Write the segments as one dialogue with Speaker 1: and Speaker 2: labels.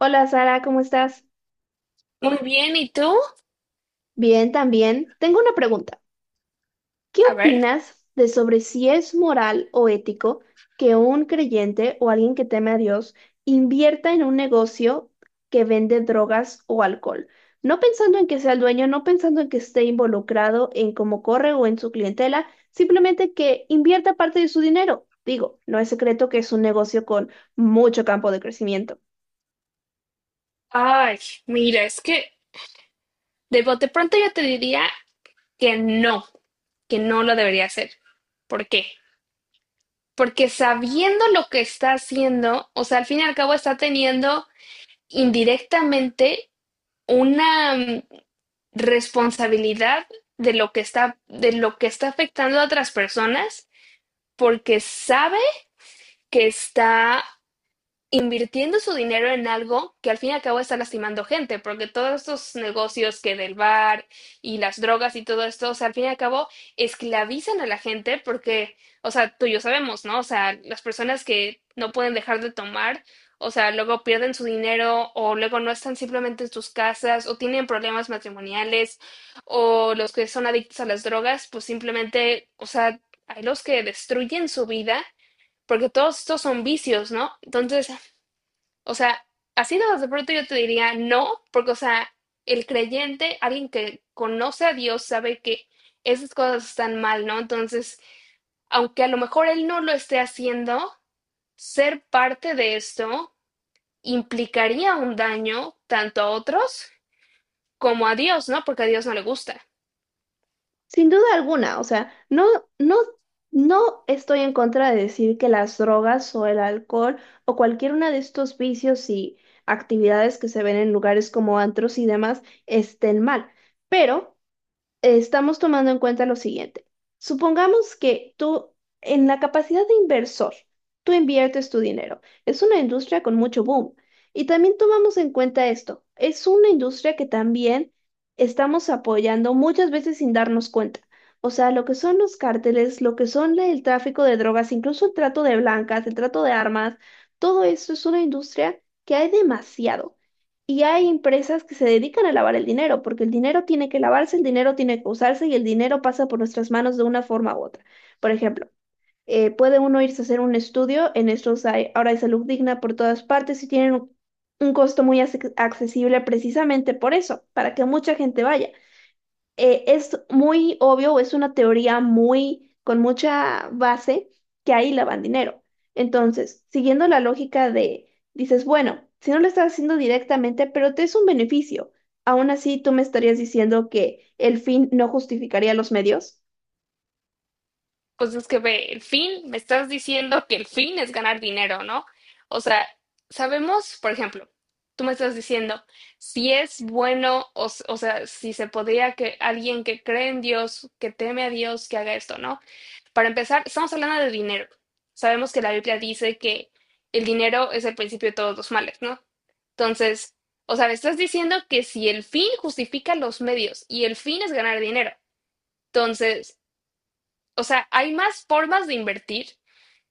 Speaker 1: Hola Sara, ¿cómo estás?
Speaker 2: Muy bien, ¿y tú?
Speaker 1: Bien, también. Tengo una pregunta. ¿Qué
Speaker 2: A ver.
Speaker 1: opinas de sobre si es moral o ético que un creyente o alguien que teme a Dios invierta en un negocio que vende drogas o alcohol? No pensando en que sea el dueño, no pensando en que esté involucrado en cómo corre o en su clientela, simplemente que invierta parte de su dinero. Digo, no es secreto que es un negocio con mucho campo de crecimiento.
Speaker 2: Ay, mira, es que de bote pronto yo te diría que no, que no lo debería hacer. ¿Por qué? Porque sabiendo lo que está haciendo, o sea, al fin y al cabo está teniendo indirectamente una responsabilidad de lo que está afectando a otras personas, porque sabe que está invirtiendo su dinero en algo que al fin y al cabo está lastimando gente, porque todos estos negocios que del bar y las drogas y todo esto, o sea, al fin y al cabo esclavizan a la gente porque, o sea, tú y yo sabemos, ¿no? O sea, las personas que no pueden dejar de tomar, o sea, luego pierden su dinero o luego no están simplemente en sus casas o tienen problemas matrimoniales o los que son adictos a las drogas, pues simplemente, o sea, hay los que destruyen su vida porque todos estos son vicios, ¿no? Entonces, o sea, así de pronto yo te diría no, porque, o sea, el creyente, alguien que conoce a Dios, sabe que esas cosas están mal, ¿no? Entonces, aunque a lo mejor él no lo esté haciendo, ser parte de esto implicaría un daño tanto a otros como a Dios, ¿no? Porque a Dios no le gusta.
Speaker 1: Sin duda alguna, o sea, no, no, no estoy en contra de decir que las drogas o el alcohol o cualquier una de estos vicios y actividades que se ven en lugares como antros y demás estén mal, pero estamos tomando en cuenta lo siguiente. Supongamos que tú, en la capacidad de inversor, tú inviertes tu dinero. Es una industria con mucho boom. Y también tomamos en cuenta esto. Es una industria que también estamos apoyando muchas veces sin darnos cuenta. O sea, lo que son los cárteles, lo que son el tráfico de drogas, incluso el trato de blancas, el trato de armas, todo esto es una industria que hay demasiado. Y hay empresas que se dedican a lavar el dinero, porque el dinero tiene que lavarse, el dinero tiene que usarse y el dinero pasa por nuestras manos de una forma u otra. Por ejemplo, puede uno irse a hacer un estudio, en estos hay, ahora hay salud digna por todas partes y tienen un costo muy accesible precisamente por eso, para que mucha gente vaya es muy obvio o es una teoría muy con mucha base que ahí lavan dinero. Entonces, siguiendo la lógica de, dices, bueno, si no lo estás haciendo directamente, pero te es un beneficio, aún así tú me estarías diciendo que el fin no justificaría los medios.
Speaker 2: Pues es que ve, el fin, me estás diciendo que el fin es ganar dinero, ¿no? O sea, sabemos, por ejemplo, tú me estás diciendo si es bueno, o sea, si se podría que alguien que cree en Dios, que teme a Dios, que haga esto, ¿no? Para empezar, estamos hablando de dinero. Sabemos que la Biblia dice que el dinero es el principio de todos los males, ¿no? Entonces, o sea, me estás diciendo que si el fin justifica los medios y el fin es ganar dinero, entonces, o sea, hay más formas de invertir.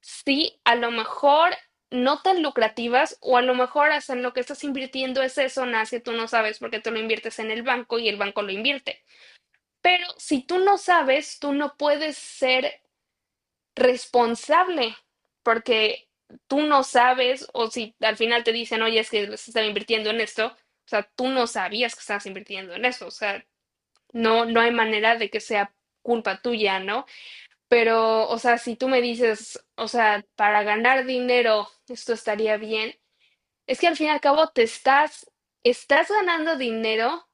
Speaker 2: Sí, a lo mejor no tan lucrativas o a lo mejor hasta en lo que estás invirtiendo es eso, Nas, que tú no sabes porque tú lo inviertes en el banco y el banco lo invierte. Pero si tú no sabes, tú no puedes ser responsable porque tú no sabes o si al final te dicen, oye, es que se estaba invirtiendo en esto, o sea, tú no sabías que estabas invirtiendo en eso, o sea, no, no hay manera de que sea culpa tuya, ¿no? Pero, o sea, si tú me dices, o sea, para ganar dinero, esto estaría bien, es que al fin y al cabo estás ganando dinero,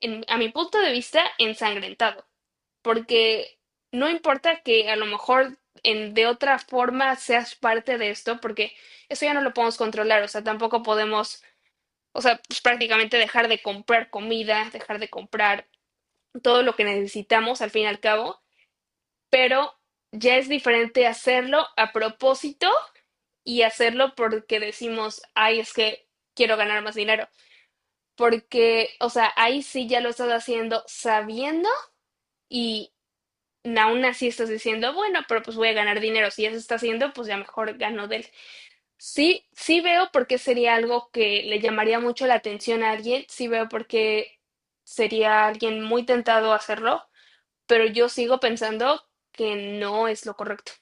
Speaker 2: a mi punto de vista, ensangrentado, porque no importa que a lo mejor en, de otra forma seas parte de esto, porque eso ya no lo podemos controlar, o sea, tampoco podemos, o sea, pues, prácticamente dejar de comprar comida, dejar de comprar todo lo que necesitamos al fin y al cabo, pero ya es diferente hacerlo a propósito y hacerlo porque decimos, ay, es que quiero ganar más dinero. Porque, o sea, ahí sí ya lo estás haciendo sabiendo y aún así estás diciendo, bueno, pero pues voy a ganar dinero. Si ya se está haciendo, pues ya mejor gano de él. Sí, sí veo por qué sería algo que le llamaría mucho la atención a alguien. Sí veo por qué sería alguien muy tentado a hacerlo, pero yo sigo pensando que no es lo correcto.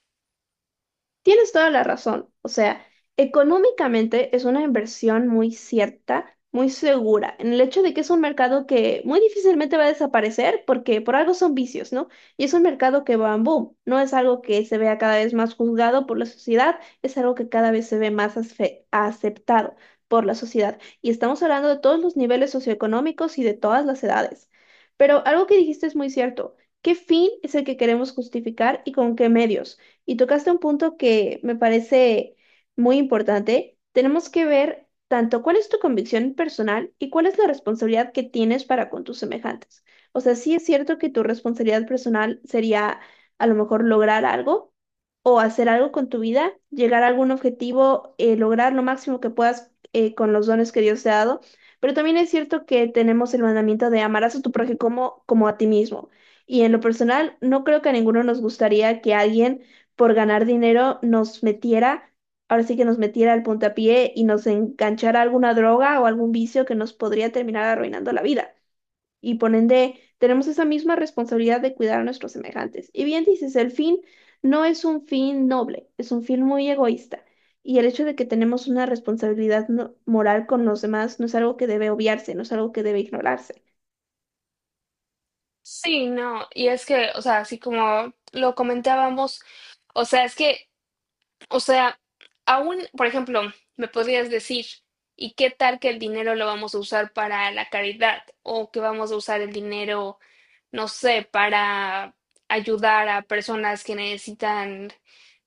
Speaker 1: Tienes toda la razón. O sea, económicamente es una inversión muy cierta, muy segura, en el hecho de que es un mercado que muy difícilmente va a desaparecer porque por algo son vicios, ¿no? Y es un mercado que va en boom, no es algo que se vea cada vez más juzgado por la sociedad, es algo que cada vez se ve más aceptado por la sociedad. Y estamos hablando de todos los niveles socioeconómicos y de todas las edades. Pero algo que dijiste es muy cierto. ¿Qué fin es el que queremos justificar y con qué medios? Y tocaste un punto que me parece muy importante. Tenemos que ver tanto cuál es tu convicción personal y cuál es la responsabilidad que tienes para con tus semejantes. O sea, sí es cierto que tu responsabilidad personal sería a lo mejor lograr algo o hacer algo con tu vida, llegar a algún objetivo, lograr lo máximo que puedas con los dones que Dios te ha dado. Pero también es cierto que tenemos el mandamiento de amarás a tu prójimo como a ti mismo. Y en lo personal, no creo que a ninguno nos gustaría que alguien por ganar dinero nos metiera, ahora sí que nos metiera al puntapié y nos enganchara a alguna droga o algún vicio que nos podría terminar arruinando la vida. Y por ende, tenemos esa misma responsabilidad de cuidar a nuestros semejantes. Y bien dices, el fin no es un fin noble, es un fin muy egoísta. Y el hecho de que tenemos una responsabilidad moral con los demás no es algo que debe obviarse, no es algo que debe ignorarse.
Speaker 2: Sí, no, y es que, o sea, así como lo comentábamos, o sea, es que, o sea, aún, por ejemplo, me podrías decir, ¿y qué tal que el dinero lo vamos a usar para la caridad? ¿O que vamos a usar el dinero, no sé, para ayudar a personas que necesitan,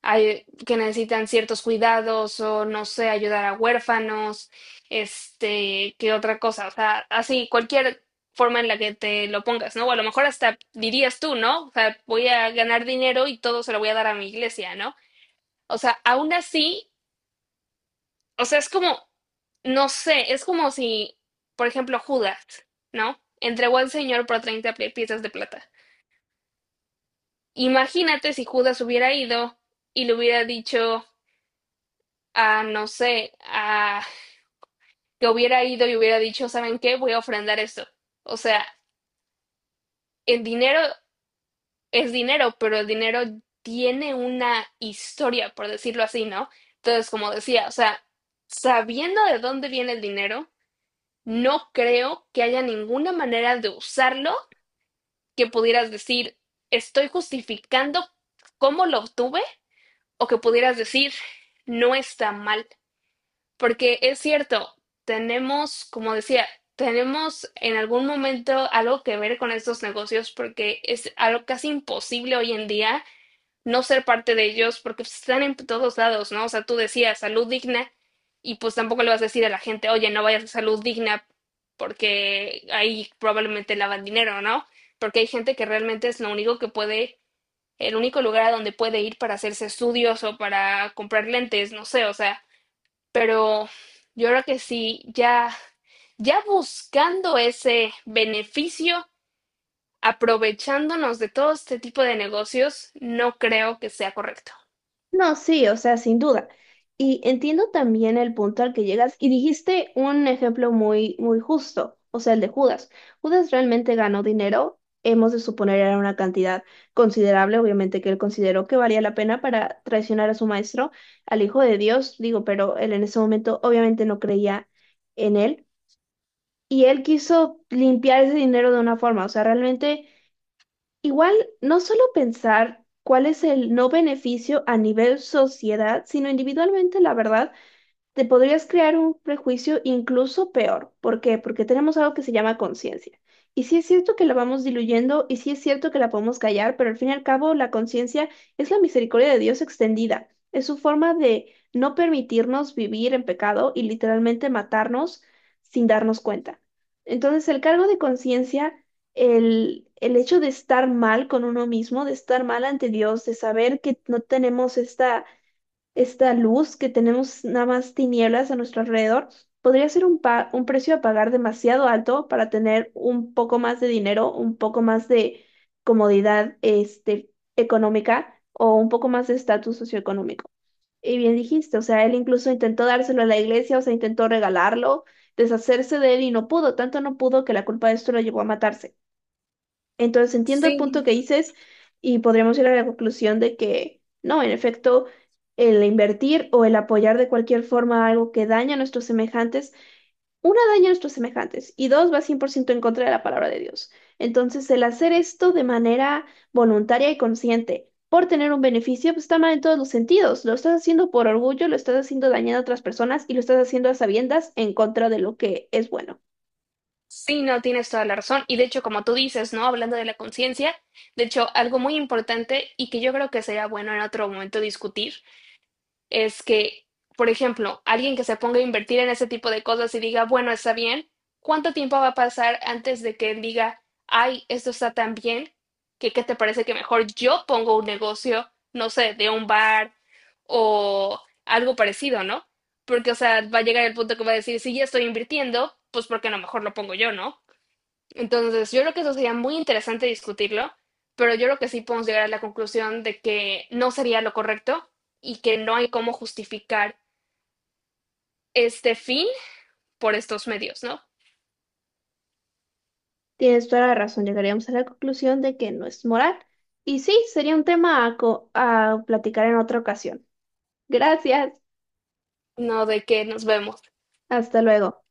Speaker 2: que necesitan ciertos cuidados o, no sé, ayudar a huérfanos, este, qué otra cosa? O sea, así, cualquier forma en la que te lo pongas, ¿no? O a lo mejor hasta dirías tú, ¿no? O sea, voy a ganar dinero y todo se lo voy a dar a mi iglesia, ¿no? O sea, aún así, o sea, es como, no sé, es como si, por ejemplo, Judas, ¿no? Entregó al Señor por 30 piezas de plata. Imagínate si Judas hubiera ido y le hubiera dicho a, no sé, a que hubiera ido y hubiera dicho, ¿saben qué? Voy a ofrendar esto. O sea, el dinero es dinero, pero el dinero tiene una historia, por decirlo así, ¿no? Entonces, como decía, o sea, sabiendo de dónde viene el dinero, no creo que haya ninguna manera de usarlo que pudieras decir, estoy justificando cómo lo obtuve o que pudieras decir, no está mal. Porque es cierto, tenemos, como decía, tenemos en algún momento algo que ver con estos negocios porque es algo casi imposible hoy en día no ser parte de ellos, porque pues, están en todos lados, ¿no? O sea, tú decías salud digna y pues tampoco le vas a decir a la gente, oye, no vayas a salud digna porque ahí probablemente lavan dinero, ¿no? Porque hay gente que realmente es lo único que puede, el único lugar a donde puede ir para hacerse estudios o para comprar lentes, no sé, o sea, pero yo creo que sí, ya, ya buscando ese beneficio, aprovechándonos de todo este tipo de negocios, no creo que sea correcto.
Speaker 1: No, sí, o sea, sin duda. Y entiendo también el punto al que llegas y dijiste un ejemplo muy, muy justo, o sea, el de Judas. Judas realmente ganó dinero, hemos de suponer era una cantidad considerable, obviamente que él consideró que valía la pena para traicionar a su maestro, al Hijo de Dios, digo, pero él en ese momento obviamente no creía en él y él quiso limpiar ese dinero de una forma, o sea, realmente. Igual, no solo pensar cuál es el no beneficio a nivel sociedad, sino individualmente, la verdad te podrías crear un prejuicio incluso peor. ¿Por qué? Porque tenemos algo que se llama conciencia. Y sí es cierto que la vamos diluyendo y sí es cierto que la podemos callar, pero al fin y al cabo la conciencia es la misericordia de Dios extendida. Es su forma de no permitirnos vivir en pecado y literalmente matarnos sin darnos cuenta. Entonces, el cargo de conciencia, el hecho de estar mal con uno mismo, de estar mal ante Dios, de saber que no tenemos esta esta luz que tenemos nada más tinieblas a nuestro alrededor, podría ser un precio a pagar demasiado alto para tener un poco más de dinero, un poco más de comodidad este, económica o un poco más de estatus socioeconómico. Y bien dijiste, o sea, él incluso intentó dárselo a la iglesia, o sea, intentó regalarlo, deshacerse de él y no pudo, tanto no pudo que la culpa de esto lo llevó a matarse. Entonces entiendo el
Speaker 2: Sí,
Speaker 1: punto que dices y podríamos ir a la conclusión de que no, en efecto, el invertir o el apoyar de cualquier forma algo que daña a nuestros semejantes, una daña a nuestros semejantes y dos va 100% en contra de la palabra de Dios. Entonces el hacer esto de manera voluntaria y consciente por tener un beneficio, pues está mal en todos los sentidos. Lo estás haciendo por orgullo, lo estás haciendo dañando a otras personas y lo estás haciendo a sabiendas en contra de lo que es bueno.
Speaker 2: sí, no, tienes toda la razón. Y de hecho, como tú dices, ¿no? Hablando de la conciencia, de hecho, algo muy importante y que yo creo que sería bueno en otro momento discutir es que, por ejemplo, alguien que se ponga a invertir en ese tipo de cosas y diga, bueno, está bien, ¿cuánto tiempo va a pasar antes de que él diga, ay, esto está tan bien, que qué te parece que mejor yo pongo un negocio, no sé, de un bar o algo parecido, ¿no? Porque, o sea, va a llegar el punto que va a decir, si ya estoy invirtiendo, pues porque a lo mejor lo pongo yo, ¿no? Entonces, yo creo que eso sería muy interesante discutirlo, pero yo creo que sí podemos llegar a la conclusión de que no sería lo correcto y que no hay cómo justificar este fin por estos medios, ¿no?
Speaker 1: Tienes toda la razón, llegaríamos a la conclusión de que no es moral. Y sí, sería un tema a platicar en otra ocasión. Gracias,
Speaker 2: No, de que nos vemos.
Speaker 1: hasta luego.